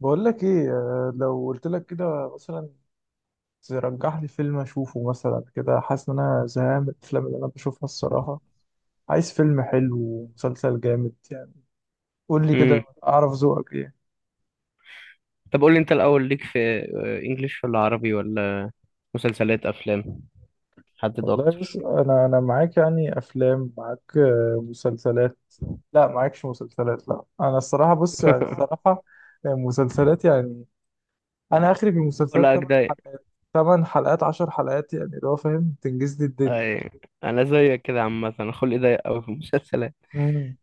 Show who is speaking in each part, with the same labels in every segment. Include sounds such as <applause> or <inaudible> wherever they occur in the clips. Speaker 1: بقول لك ايه، لو قلت لك كده مثلا ترجح لي فيلم اشوفه مثلا كده. حاسس ان انا زهقان من الافلام اللي انا بشوفها الصراحه. عايز فيلم حلو ومسلسل جامد يعني. قول لي كده
Speaker 2: امم
Speaker 1: اعرف ذوقك ايه.
Speaker 2: طب قول لي انت الاول ليك في انجليش ولا عربي ولا مسلسلات افلام؟ حدد
Speaker 1: والله بص
Speaker 2: اكتر.
Speaker 1: انا معاك يعني، افلام معاك، مسلسلات. لا، معاكش مسلسلات، لا انا الصراحه بص يعني
Speaker 2: <laughs>
Speaker 1: الصراحه. مسلسلات يعني. انا اخري في المسلسلات
Speaker 2: ولا
Speaker 1: 8
Speaker 2: اجداي.
Speaker 1: حلقات، 8 حلقات، 10 حلقات، يعني اللي هو فاهم تنجز لي الدنيا.
Speaker 2: اي، انا زيك كده عامه، انا خلقي ضيق قوي في المسلسلات.
Speaker 1: امم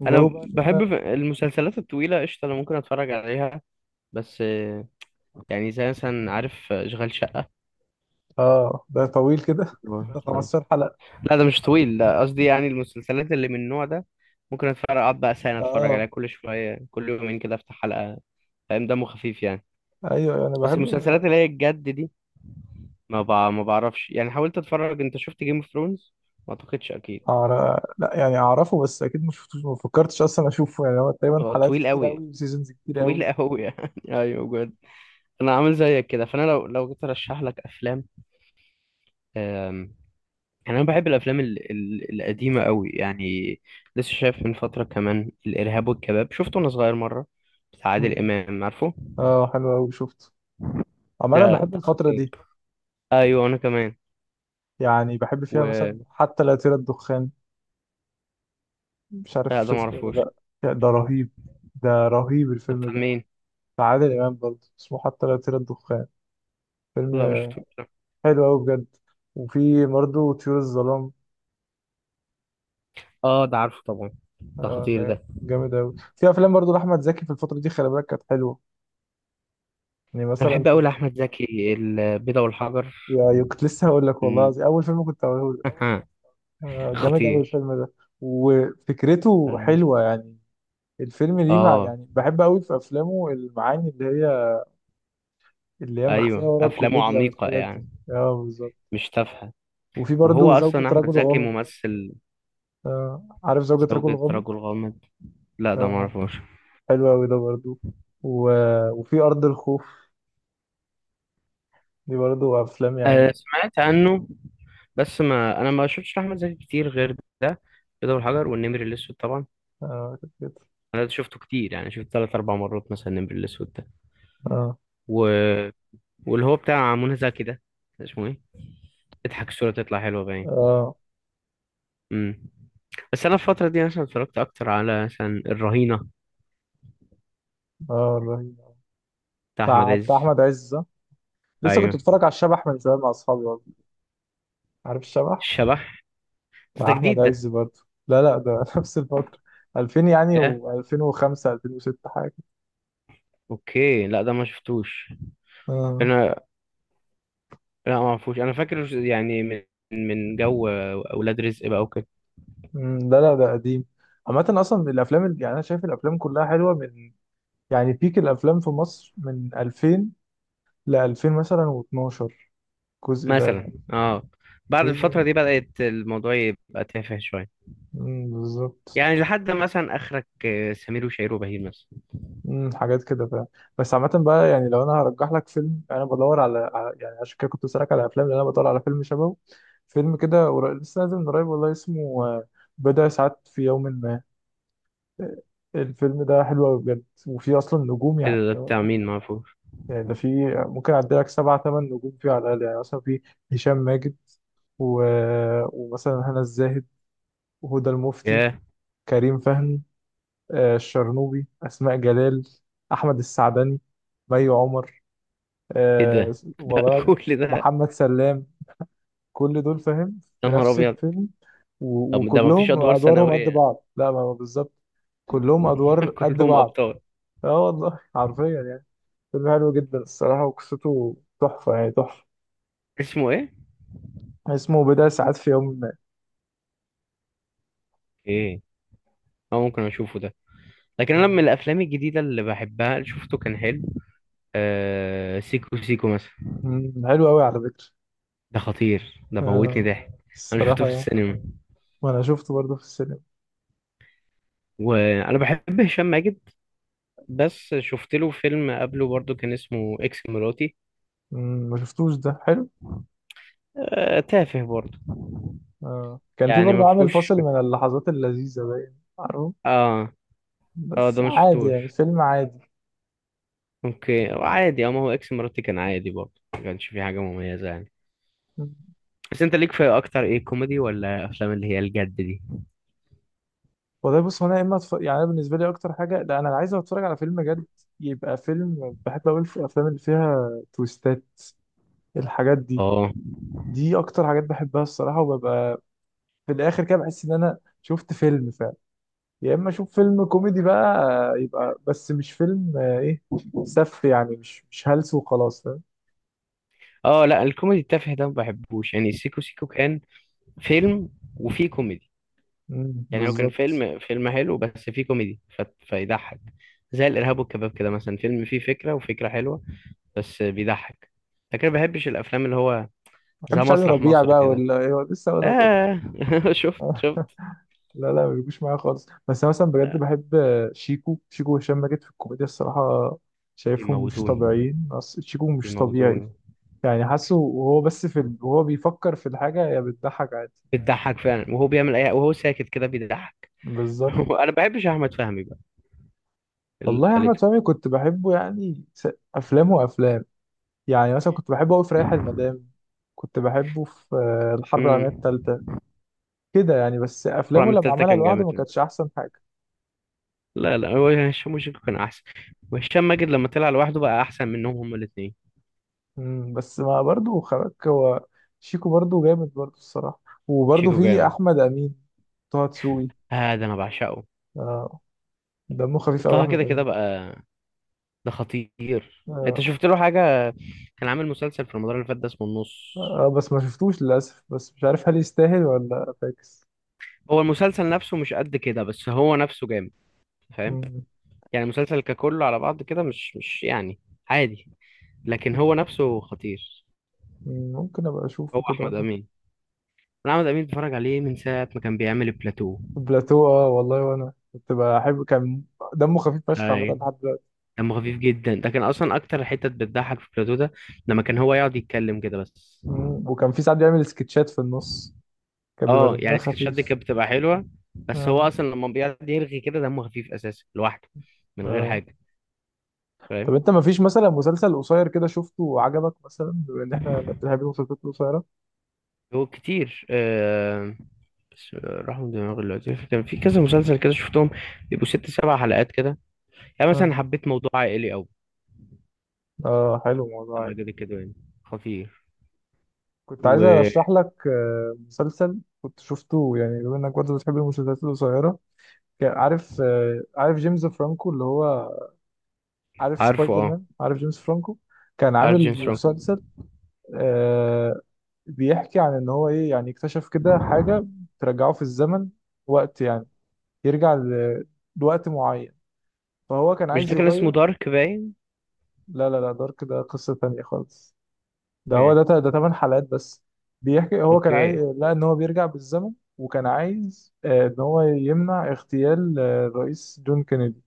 Speaker 1: جو
Speaker 2: انا
Speaker 1: بقى ان
Speaker 2: بحب
Speaker 1: انا.
Speaker 2: المسلسلات الطويله قشطه، انا ممكن اتفرج عليها بس يعني زي مثلا عارف اشغال شقه.
Speaker 1: اه ده طويل كده <laughs> ده 15 حلقة.
Speaker 2: لا ده مش طويل، لا قصدي يعني المسلسلات اللي من النوع ده ممكن اتفرج، اقعد بقى سنه اتفرج عليها
Speaker 1: اه.
Speaker 2: كل شويه، كل يومين كده افتح حلقه، فاهم، دمه خفيف يعني.
Speaker 1: ايوه انا
Speaker 2: بس
Speaker 1: بحب الحاجات
Speaker 2: المسلسلات
Speaker 1: دي.
Speaker 2: اللي هي الجد دي ما بعرفش يعني، حاولت اتفرج. انت شفت جيم اوف ثرونز؟ ما اعتقدش، اكيد
Speaker 1: لا يعني اعرفه بس اكيد مش شفتوش، ما فكرتش اصلا اشوفه يعني. هو تقريبا
Speaker 2: هو
Speaker 1: حلقات
Speaker 2: طويل
Speaker 1: كتير
Speaker 2: قوي،
Speaker 1: قوي وسيزونز كتير
Speaker 2: طويل
Speaker 1: قوي.
Speaker 2: قوي يعني. <laughs> ايوه بجد. انا عامل زيك كده، فانا لو جيت ارشح لك افلام. أم... يعني انا بحب الافلام القديمه قوي يعني. لسه شايف من فتره كمان الارهاب والكباب، شفته وانا صغير مره، بتاع عادل
Speaker 1: مم.
Speaker 2: امام، عارفه
Speaker 1: اه حلو قوي شفته. عموما انا
Speaker 2: ده؟
Speaker 1: بحب الفترة
Speaker 2: خطير.
Speaker 1: دي.
Speaker 2: ايوه انا كمان.
Speaker 1: يعني بحب فيها مثلا
Speaker 2: و،
Speaker 1: حتى لا يطير الدخان، مش
Speaker 2: لا
Speaker 1: عارف
Speaker 2: ده ما
Speaker 1: شفته ولا
Speaker 2: اعرفوش،
Speaker 1: لا. يا ده رهيب، ده رهيب
Speaker 2: ده
Speaker 1: الفيلم
Speaker 2: بتاع
Speaker 1: ده.
Speaker 2: مين؟
Speaker 1: بتاع عادل امام برضه، اسمه حتى لا يطير الدخان،
Speaker 2: لا مش
Speaker 1: فيلم
Speaker 2: شفتوش ده.
Speaker 1: حلو قوي بجد. وفي برضه طيور الظلام.
Speaker 2: اه ده عارفه طبعا، ده
Speaker 1: آه
Speaker 2: خطير
Speaker 1: ده
Speaker 2: ده.
Speaker 1: جامد أوي. في أفلام برضو لأحمد زكي في الفترة دي خلي بالك كانت حلوة. يعني
Speaker 2: انا
Speaker 1: مثلا
Speaker 2: بحب قوي
Speaker 1: شفت،
Speaker 2: احمد زكي، البيضة والحجر.
Speaker 1: كنت لسه هقول لك والله
Speaker 2: مم.
Speaker 1: العظيم، أول فيلم كنت هقوله لك.
Speaker 2: <laughs>
Speaker 1: آه جامد أوي
Speaker 2: خطير.
Speaker 1: الفيلم ده وفكرته
Speaker 2: اه
Speaker 1: حلوة يعني. الفيلم ليه مع،
Speaker 2: آه،
Speaker 1: يعني بحب أوي في أفلامه المعاني اللي هي مخفية
Speaker 2: ايوه
Speaker 1: ورا
Speaker 2: افلامه
Speaker 1: الكوميديا
Speaker 2: عميقة
Speaker 1: والحاجات دي.
Speaker 2: يعني،
Speaker 1: اه بالظبط.
Speaker 2: مش تافهة.
Speaker 1: وفي
Speaker 2: وهو
Speaker 1: برضو زوجة
Speaker 2: اصلا احمد
Speaker 1: رجل
Speaker 2: زكي
Speaker 1: غامض.
Speaker 2: ممثل.
Speaker 1: آه عارف زوجة رجل
Speaker 2: زوجة
Speaker 1: غامض.
Speaker 2: رجل غامض، لا ده ما
Speaker 1: اه
Speaker 2: اعرفوش.
Speaker 1: حلو أوي ده برضو. و... وفي أرض الخوف، دي برضو أفلام
Speaker 2: آه
Speaker 1: يعني.
Speaker 2: سمعت عنه، بس ما انا ما شفتش احمد زكي كتير غير ده، البيضة والحجر والنمر الاسود طبعا.
Speaker 1: آه كانت كده.
Speaker 2: انا ده شفته كتير، يعني شفت 3 4 مرات مثلا النمر الاسود ده.
Speaker 1: آه.
Speaker 2: و... واللي هو بتاع منى زكي ده اسمه ايه؟ اضحك الصورة تطلع حلوة باين.
Speaker 1: اه.
Speaker 2: امم بس انا الفتره دي مثلا اتفرجت اكتر على مثلا الرهينه،
Speaker 1: اه رهيب.
Speaker 2: بتاع احمد
Speaker 1: بتاع
Speaker 2: عز.
Speaker 1: بتاع احمد عز، صح؟ لسه كنت
Speaker 2: ايوه،
Speaker 1: بتفرج على الشبح من شويه مع اصحابي والله. عارف الشبح،
Speaker 2: الشبح. بس
Speaker 1: بتاع
Speaker 2: ده
Speaker 1: احمد
Speaker 2: جديد
Speaker 1: عز
Speaker 2: ده.
Speaker 1: برضه. لا لا ده <laughs> نفس الفتره، 2000 يعني،
Speaker 2: ايه؟
Speaker 1: و2005 2006 حاجه.
Speaker 2: اوكي، لا ده ما شفتوش
Speaker 1: اه.
Speaker 2: انا، لا ما اعرفوش. انا فاكر يعني من جو اولاد رزق بقى وكده
Speaker 1: أمم، لا لا ده قديم. عامه اصلا يعني انا شايف الافلام كلها حلوه من، يعني بيك الافلام في مصر من 2000 ل 2000 مثلا و12، الجزء ده
Speaker 2: مثلا.
Speaker 1: يعني.
Speaker 2: اه، بعد الفتره
Speaker 1: هي.
Speaker 2: دي بدات الموضوع يبقى تافه شويه،
Speaker 1: أمم، بالظبط.
Speaker 2: يعني لحد مثلا اخرك سمير وشهير وبهير مثلا.
Speaker 1: مم، حاجات كده فاهم. بس عامة بقى يعني لو أنا هرجح لك فيلم أنا بدور يعني عشان كده كنت بسألك على أفلام لأن أنا بدور على فيلم شبهه. لسه نازل من قريب والله، اسمه بضع ساعات في يوم ما، آه، الفيلم ده حلو أوي بجد وفيه أصلا نجوم
Speaker 2: ايه
Speaker 1: يعني.
Speaker 2: ده؟ بتاع مين؟ ما اعرفوش.
Speaker 1: يعني ده فيه، ممكن أعدي لك سبعة تمن نجوم فيه على الأقل، يعني مثلا فيه هشام ماجد، و... ومثلا هنا الزاهد، وهدى المفتي،
Speaker 2: ياه،
Speaker 1: كريم فهمي، الشرنوبي، أسماء جلال، أحمد السعدني، مي عمر،
Speaker 2: ايه
Speaker 1: آه
Speaker 2: ده؟ ده <laughs>
Speaker 1: والله،
Speaker 2: كل ده؟
Speaker 1: محمد سلام. كل دول فاهم في
Speaker 2: يا نهار
Speaker 1: نفس
Speaker 2: ابيض.
Speaker 1: الفيلم،
Speaker 2: طب ده ما فيش
Speaker 1: وكلهم
Speaker 2: ادوار
Speaker 1: ادوارهم قد
Speaker 2: ثانويه؟
Speaker 1: بعض، لا ما هو بالظبط، كلهم
Speaker 2: <laughs>
Speaker 1: ادوار قد
Speaker 2: كلهم
Speaker 1: بعض.
Speaker 2: ابطال.
Speaker 1: اه والله حرفيا يعني. فيلم حلو جدا الصراحه وقصته تحفه، يعني تحفه.
Speaker 2: اسمه ايه؟
Speaker 1: اسمه بضع ساعات في يوم ما.
Speaker 2: ايه. اه ممكن اشوفه ده. لكن انا من
Speaker 1: آه،
Speaker 2: الافلام الجديده اللي بحبها اللي شفته كان حلو، آه سيكو سيكو مثلا.
Speaker 1: مم، حلو قوي على فكره.
Speaker 2: ده خطير ده، موتني
Speaker 1: آه
Speaker 2: ضحك. انا شفته في
Speaker 1: الصراحه.
Speaker 2: السينما.
Speaker 1: وانا شفته برضه في السينما.
Speaker 2: وانا بحب هشام ماجد، بس شفت له فيلم قبله برضو كان اسمه اكس مراتي.
Speaker 1: مم، ما شفتوش ده، حلو.
Speaker 2: آه تافه برضو
Speaker 1: آه كان في
Speaker 2: يعني، ما
Speaker 1: برضه عامل
Speaker 2: فيهوش.
Speaker 1: فاصل من اللحظات اللذيذه باين عارفه.
Speaker 2: اه، اه
Speaker 1: بس
Speaker 2: ده ما
Speaker 1: عادي
Speaker 2: شفتوش.
Speaker 1: يعني، فيلم عادي.
Speaker 2: اوكي، عادي. اه، ما هو اكس مراتي كان عادي برضو، ما كانش فيه حاجه مميزه يعني.
Speaker 1: مم.
Speaker 2: بس انت ليك في اكتر ايه، كوميدي ولا افلام اللي هي الجد دي؟
Speaker 1: والله بص، هو انا يا اما يعني انا بالنسبه لي اكتر حاجه، لا انا عايز اتفرج على فيلم جد، يبقى فيلم. بحب اقول في الافلام اللي فيها تويستات، الحاجات دي،
Speaker 2: اه،
Speaker 1: دي اكتر حاجات بحبها الصراحه. وببقى في الاخر كده بحس ان انا شفت فيلم فعلا. يا اما اشوف فيلم كوميدي بقى، يبقى بس مش فيلم، آه، ايه سف يعني، مش هلس وخلاص، فاهم.
Speaker 2: اه، لا الكوميدي التافه ده ما بحبوش، يعني سيكو سيكو كان فيلم وفيه كوميدي.
Speaker 1: مم،
Speaker 2: يعني هو كان
Speaker 1: بالظبط.
Speaker 2: فيلم حلو بس فيه كوميدي، فيضحك. زي الارهاب والكباب كده مثلا، فيلم فيه فكره وفكره حلوه بس بيضحك، لكن ما بحبش الافلام اللي هو
Speaker 1: ما
Speaker 2: زي
Speaker 1: بحبش علي
Speaker 2: مسرح
Speaker 1: ربيع
Speaker 2: مصر
Speaker 1: بقى
Speaker 2: كده.
Speaker 1: ولا إيه، لسه اقول لك.
Speaker 2: آه <laughs> شفت
Speaker 1: والله
Speaker 2: شفت.
Speaker 1: لا لا ما بيجوش معايا خالص. بس انا مثلا بجد
Speaker 2: آه.
Speaker 1: بحب شيكو شيكو وهشام ماجد في الكوميديا الصراحه. شايفهم مش
Speaker 2: بيموتوني
Speaker 1: طبيعيين، شيكو مش طبيعي.
Speaker 2: بيموتوني.
Speaker 1: يعني حاسه وهو بس في ال...، وهو بيفكر في الحاجه يا بتضحك عادي.
Speaker 2: بتضحك فعلا، وهو بيعمل اي وهو ساكت كده بيضحك. <laughs>
Speaker 1: بالظبط.
Speaker 2: انا ما بحبش احمد فهمي بقى،
Speaker 1: والله يا احمد
Speaker 2: التالتة.
Speaker 1: فهمي كنت بحبه يعني، افلام وافلام. يعني مثلا كنت بحبه قوي في رايح المدام، كنت بحبه في الحرب
Speaker 2: امم
Speaker 1: العالميه الثالثه كده يعني. بس
Speaker 2: أربعة
Speaker 1: افلامه
Speaker 2: من
Speaker 1: لما
Speaker 2: التالتة
Speaker 1: عملها
Speaker 2: كان
Speaker 1: لوحده ما
Speaker 2: جامد.
Speaker 1: كانتش احسن حاجه.
Speaker 2: لا لا، هو هشام وشيكو كان أحسن، وهشام ماجد لما طلع لوحده بقى أحسن منهم هما الاتنين.
Speaker 1: مم، بس ما برضه خباك هو، شيكو برضه جامد برضه الصراحة. وبرضه
Speaker 2: شيكو
Speaker 1: في
Speaker 2: جامد.
Speaker 1: أحمد أمين، طه دسوقي.
Speaker 2: آه ده أنا بعشقه.
Speaker 1: آه دمه خفيف أوي
Speaker 2: طه
Speaker 1: أحمد
Speaker 2: كده كده
Speaker 1: أمين ده.
Speaker 2: بقى، ده خطير. أنت
Speaker 1: آه.
Speaker 2: شفت له حاجة؟ كان عامل مسلسل في رمضان اللي فات ده اسمه النص.
Speaker 1: آه بس ما شفتوش للأسف، بس مش عارف هل يستاهل ولا فاكس.
Speaker 2: هو المسلسل نفسه مش قد كده، بس هو نفسه جامد، فاهم؟
Speaker 1: مم.
Speaker 2: يعني المسلسل ككله على بعض كده مش يعني عادي، لكن هو نفسه خطير.
Speaker 1: مم، ممكن أبقى
Speaker 2: هو
Speaker 1: أشوفه كده
Speaker 2: أحمد
Speaker 1: ولا.
Speaker 2: أمين، أنا أحمد أمين بتفرج عليه من ساعة ما كان بيعمل البلاتو.
Speaker 1: بلاتو، آه والله وأنا كنت بحب، كان دمه خفيف فشخ عامة
Speaker 2: هاي،
Speaker 1: لحد دلوقتي.
Speaker 2: دمه خفيف جدا ده، كان اصلا اكتر حتت بتضحك في بلاتو ده لما كان هو يقعد يتكلم كده بس.
Speaker 1: مم، وكان في ساعات بيعمل سكتشات في النص، كان بيبقى
Speaker 2: اه
Speaker 1: دمها
Speaker 2: يعني السكتشات دي
Speaker 1: خفيف.
Speaker 2: كانت بتبقى حلوه، بس هو
Speaker 1: آه.
Speaker 2: اصلا لما بيقعد يرغي كده دمه خفيف اساسا لوحده، من غير
Speaker 1: آه.
Speaker 2: حاجه، فاهم؟
Speaker 1: طب انت ما فيش مثلا مسلسل قصير كده شفته وعجبك، مثلا بما ان احنا بنحب المسلسلات القصيره.
Speaker 2: هو كتير بس راح من دماغي دلوقتي. كان في كذا مسلسل كده شفتهم، بيبقوا 6 7 حلقات كده، يعني مثلا
Speaker 1: آه.
Speaker 2: حبيت موضوع عائلي قوي،
Speaker 1: اه حلو الموضوع
Speaker 2: لما
Speaker 1: يعني.
Speaker 2: جد كده يعني، خطير.
Speaker 1: كنت عايز
Speaker 2: وعارفه؟
Speaker 1: ارشح لك مسلسل كنت شفته، يعني بما انك برضه بتحب المسلسلات القصيره. كان عارف، عارف جيمس فرانكو اللي هو، عارف سبايدر
Speaker 2: اه
Speaker 1: مان، عارف جيمس فرانكو. كان
Speaker 2: عارف
Speaker 1: عامل
Speaker 2: جيمس فرانكو؟
Speaker 1: مسلسل آه، بيحكي عن ان هو ايه، يعني اكتشف كده حاجه ترجعه في الزمن، وقت يعني، يرجع ل- لوقت معين، فهو كان
Speaker 2: مش
Speaker 1: عايز
Speaker 2: ده كان اسمه
Speaker 1: يغير.
Speaker 2: دارك باين؟
Speaker 1: لا لا لا، دارك ده قصة تانية خالص. ده
Speaker 2: اوكي.
Speaker 1: هو ده تمن حلقات بس. بيحكي هو كان عايز،
Speaker 2: اوكي.
Speaker 1: لا ان هو بيرجع بالزمن، وكان عايز ان هو يمنع اغتيال الرئيس جون كينيدي،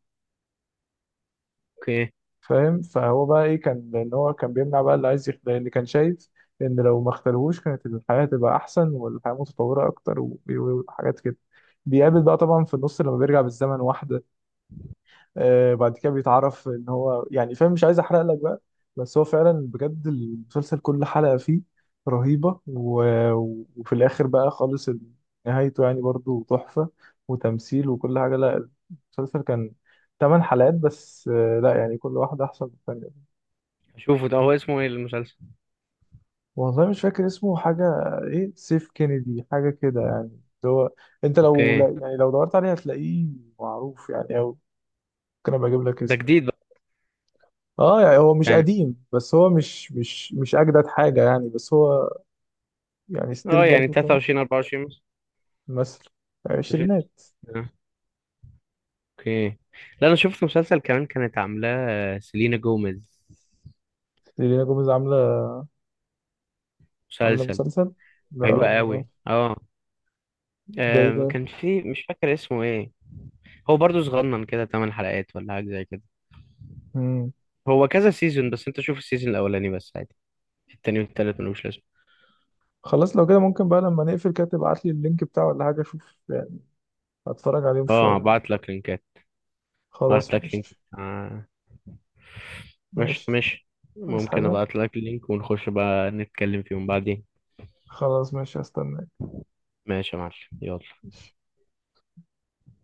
Speaker 2: اوكي.
Speaker 1: فاهم. فهو بقى ايه، كان ان هو كان بيمنع بقى اللي عايز يغتال، اللي كان شايف ان لو ما اغتالهوش كانت الحياة تبقى احسن والحياة متطورة اكتر، وحاجات كده. بيقابل بقى طبعا في النص لما بيرجع بالزمن واحدة، بعد كده بيتعرف ان هو يعني، فاهم، مش عايز احرق لك بقى. بس هو فعلا بجد المسلسل كل حلقة فيه رهيبة، وفي الاخر بقى خالص نهايته يعني برضو تحفة، وتمثيل وكل حاجة. لا المسلسل كان ثمان حلقات بس، لا يعني كل واحدة احسن من الثانية.
Speaker 2: اشوفه ده، هو اسمه ايه المسلسل؟
Speaker 1: والله مش فاكر اسمه حاجة، ايه سيف كينيدي حاجة كده، يعني اللي هو انت لو،
Speaker 2: اوكي.
Speaker 1: لا يعني، لو دورت عليه هتلاقيه معروف يعني، او ممكن ابقى اجيب لك
Speaker 2: ده
Speaker 1: اسمه.
Speaker 2: جديد بقى
Speaker 1: اه يعني هو مش
Speaker 2: يعني؟
Speaker 1: قديم، بس هو مش اجدد حاجه يعني، بس هو يعني ستيل
Speaker 2: اه يعني
Speaker 1: برضه فاهم.
Speaker 2: 23 24 مثلا،
Speaker 1: مثل،
Speaker 2: 2000.
Speaker 1: عشرينات.
Speaker 2: آه، اوكي. لا انا شفت مسلسل كمان كانت عاملاه سيلينا جوميز،
Speaker 1: ليلى جوميز عامله، عامله
Speaker 2: مسلسل
Speaker 1: مسلسل. لا
Speaker 2: حلو
Speaker 1: ما
Speaker 2: قوي.
Speaker 1: اعرفش.
Speaker 2: اه،
Speaker 1: ده ايه ده.
Speaker 2: كان في مش فاكر اسمه ايه. هو برضو صغنن كده، 8 حلقات ولا حاجه زي كده.
Speaker 1: مم.
Speaker 2: هو كذا سيزون بس انت شوف السيزون الاولاني بس، عادي. التاني والتالت ملوش لازمه.
Speaker 1: خلاص لو كده ممكن بقى لما نقفل كده تبعت لي اللينك بتاعه ولا حاجه، اشوف يعني، هتفرج عليهم
Speaker 2: اه
Speaker 1: شويه.
Speaker 2: بعت لك لينكات. بعت
Speaker 1: خلاص
Speaker 2: لك لينك.
Speaker 1: ماشي
Speaker 2: ماشي،
Speaker 1: ماشي.
Speaker 2: ماشي.
Speaker 1: عايز
Speaker 2: ممكن
Speaker 1: حاجه.
Speaker 2: ابعت لك لينك ونخش بقى نتكلم فيهم بعدين.
Speaker 1: خلاص ماشي هستناك.
Speaker 2: ماشي يا معلم. يلا.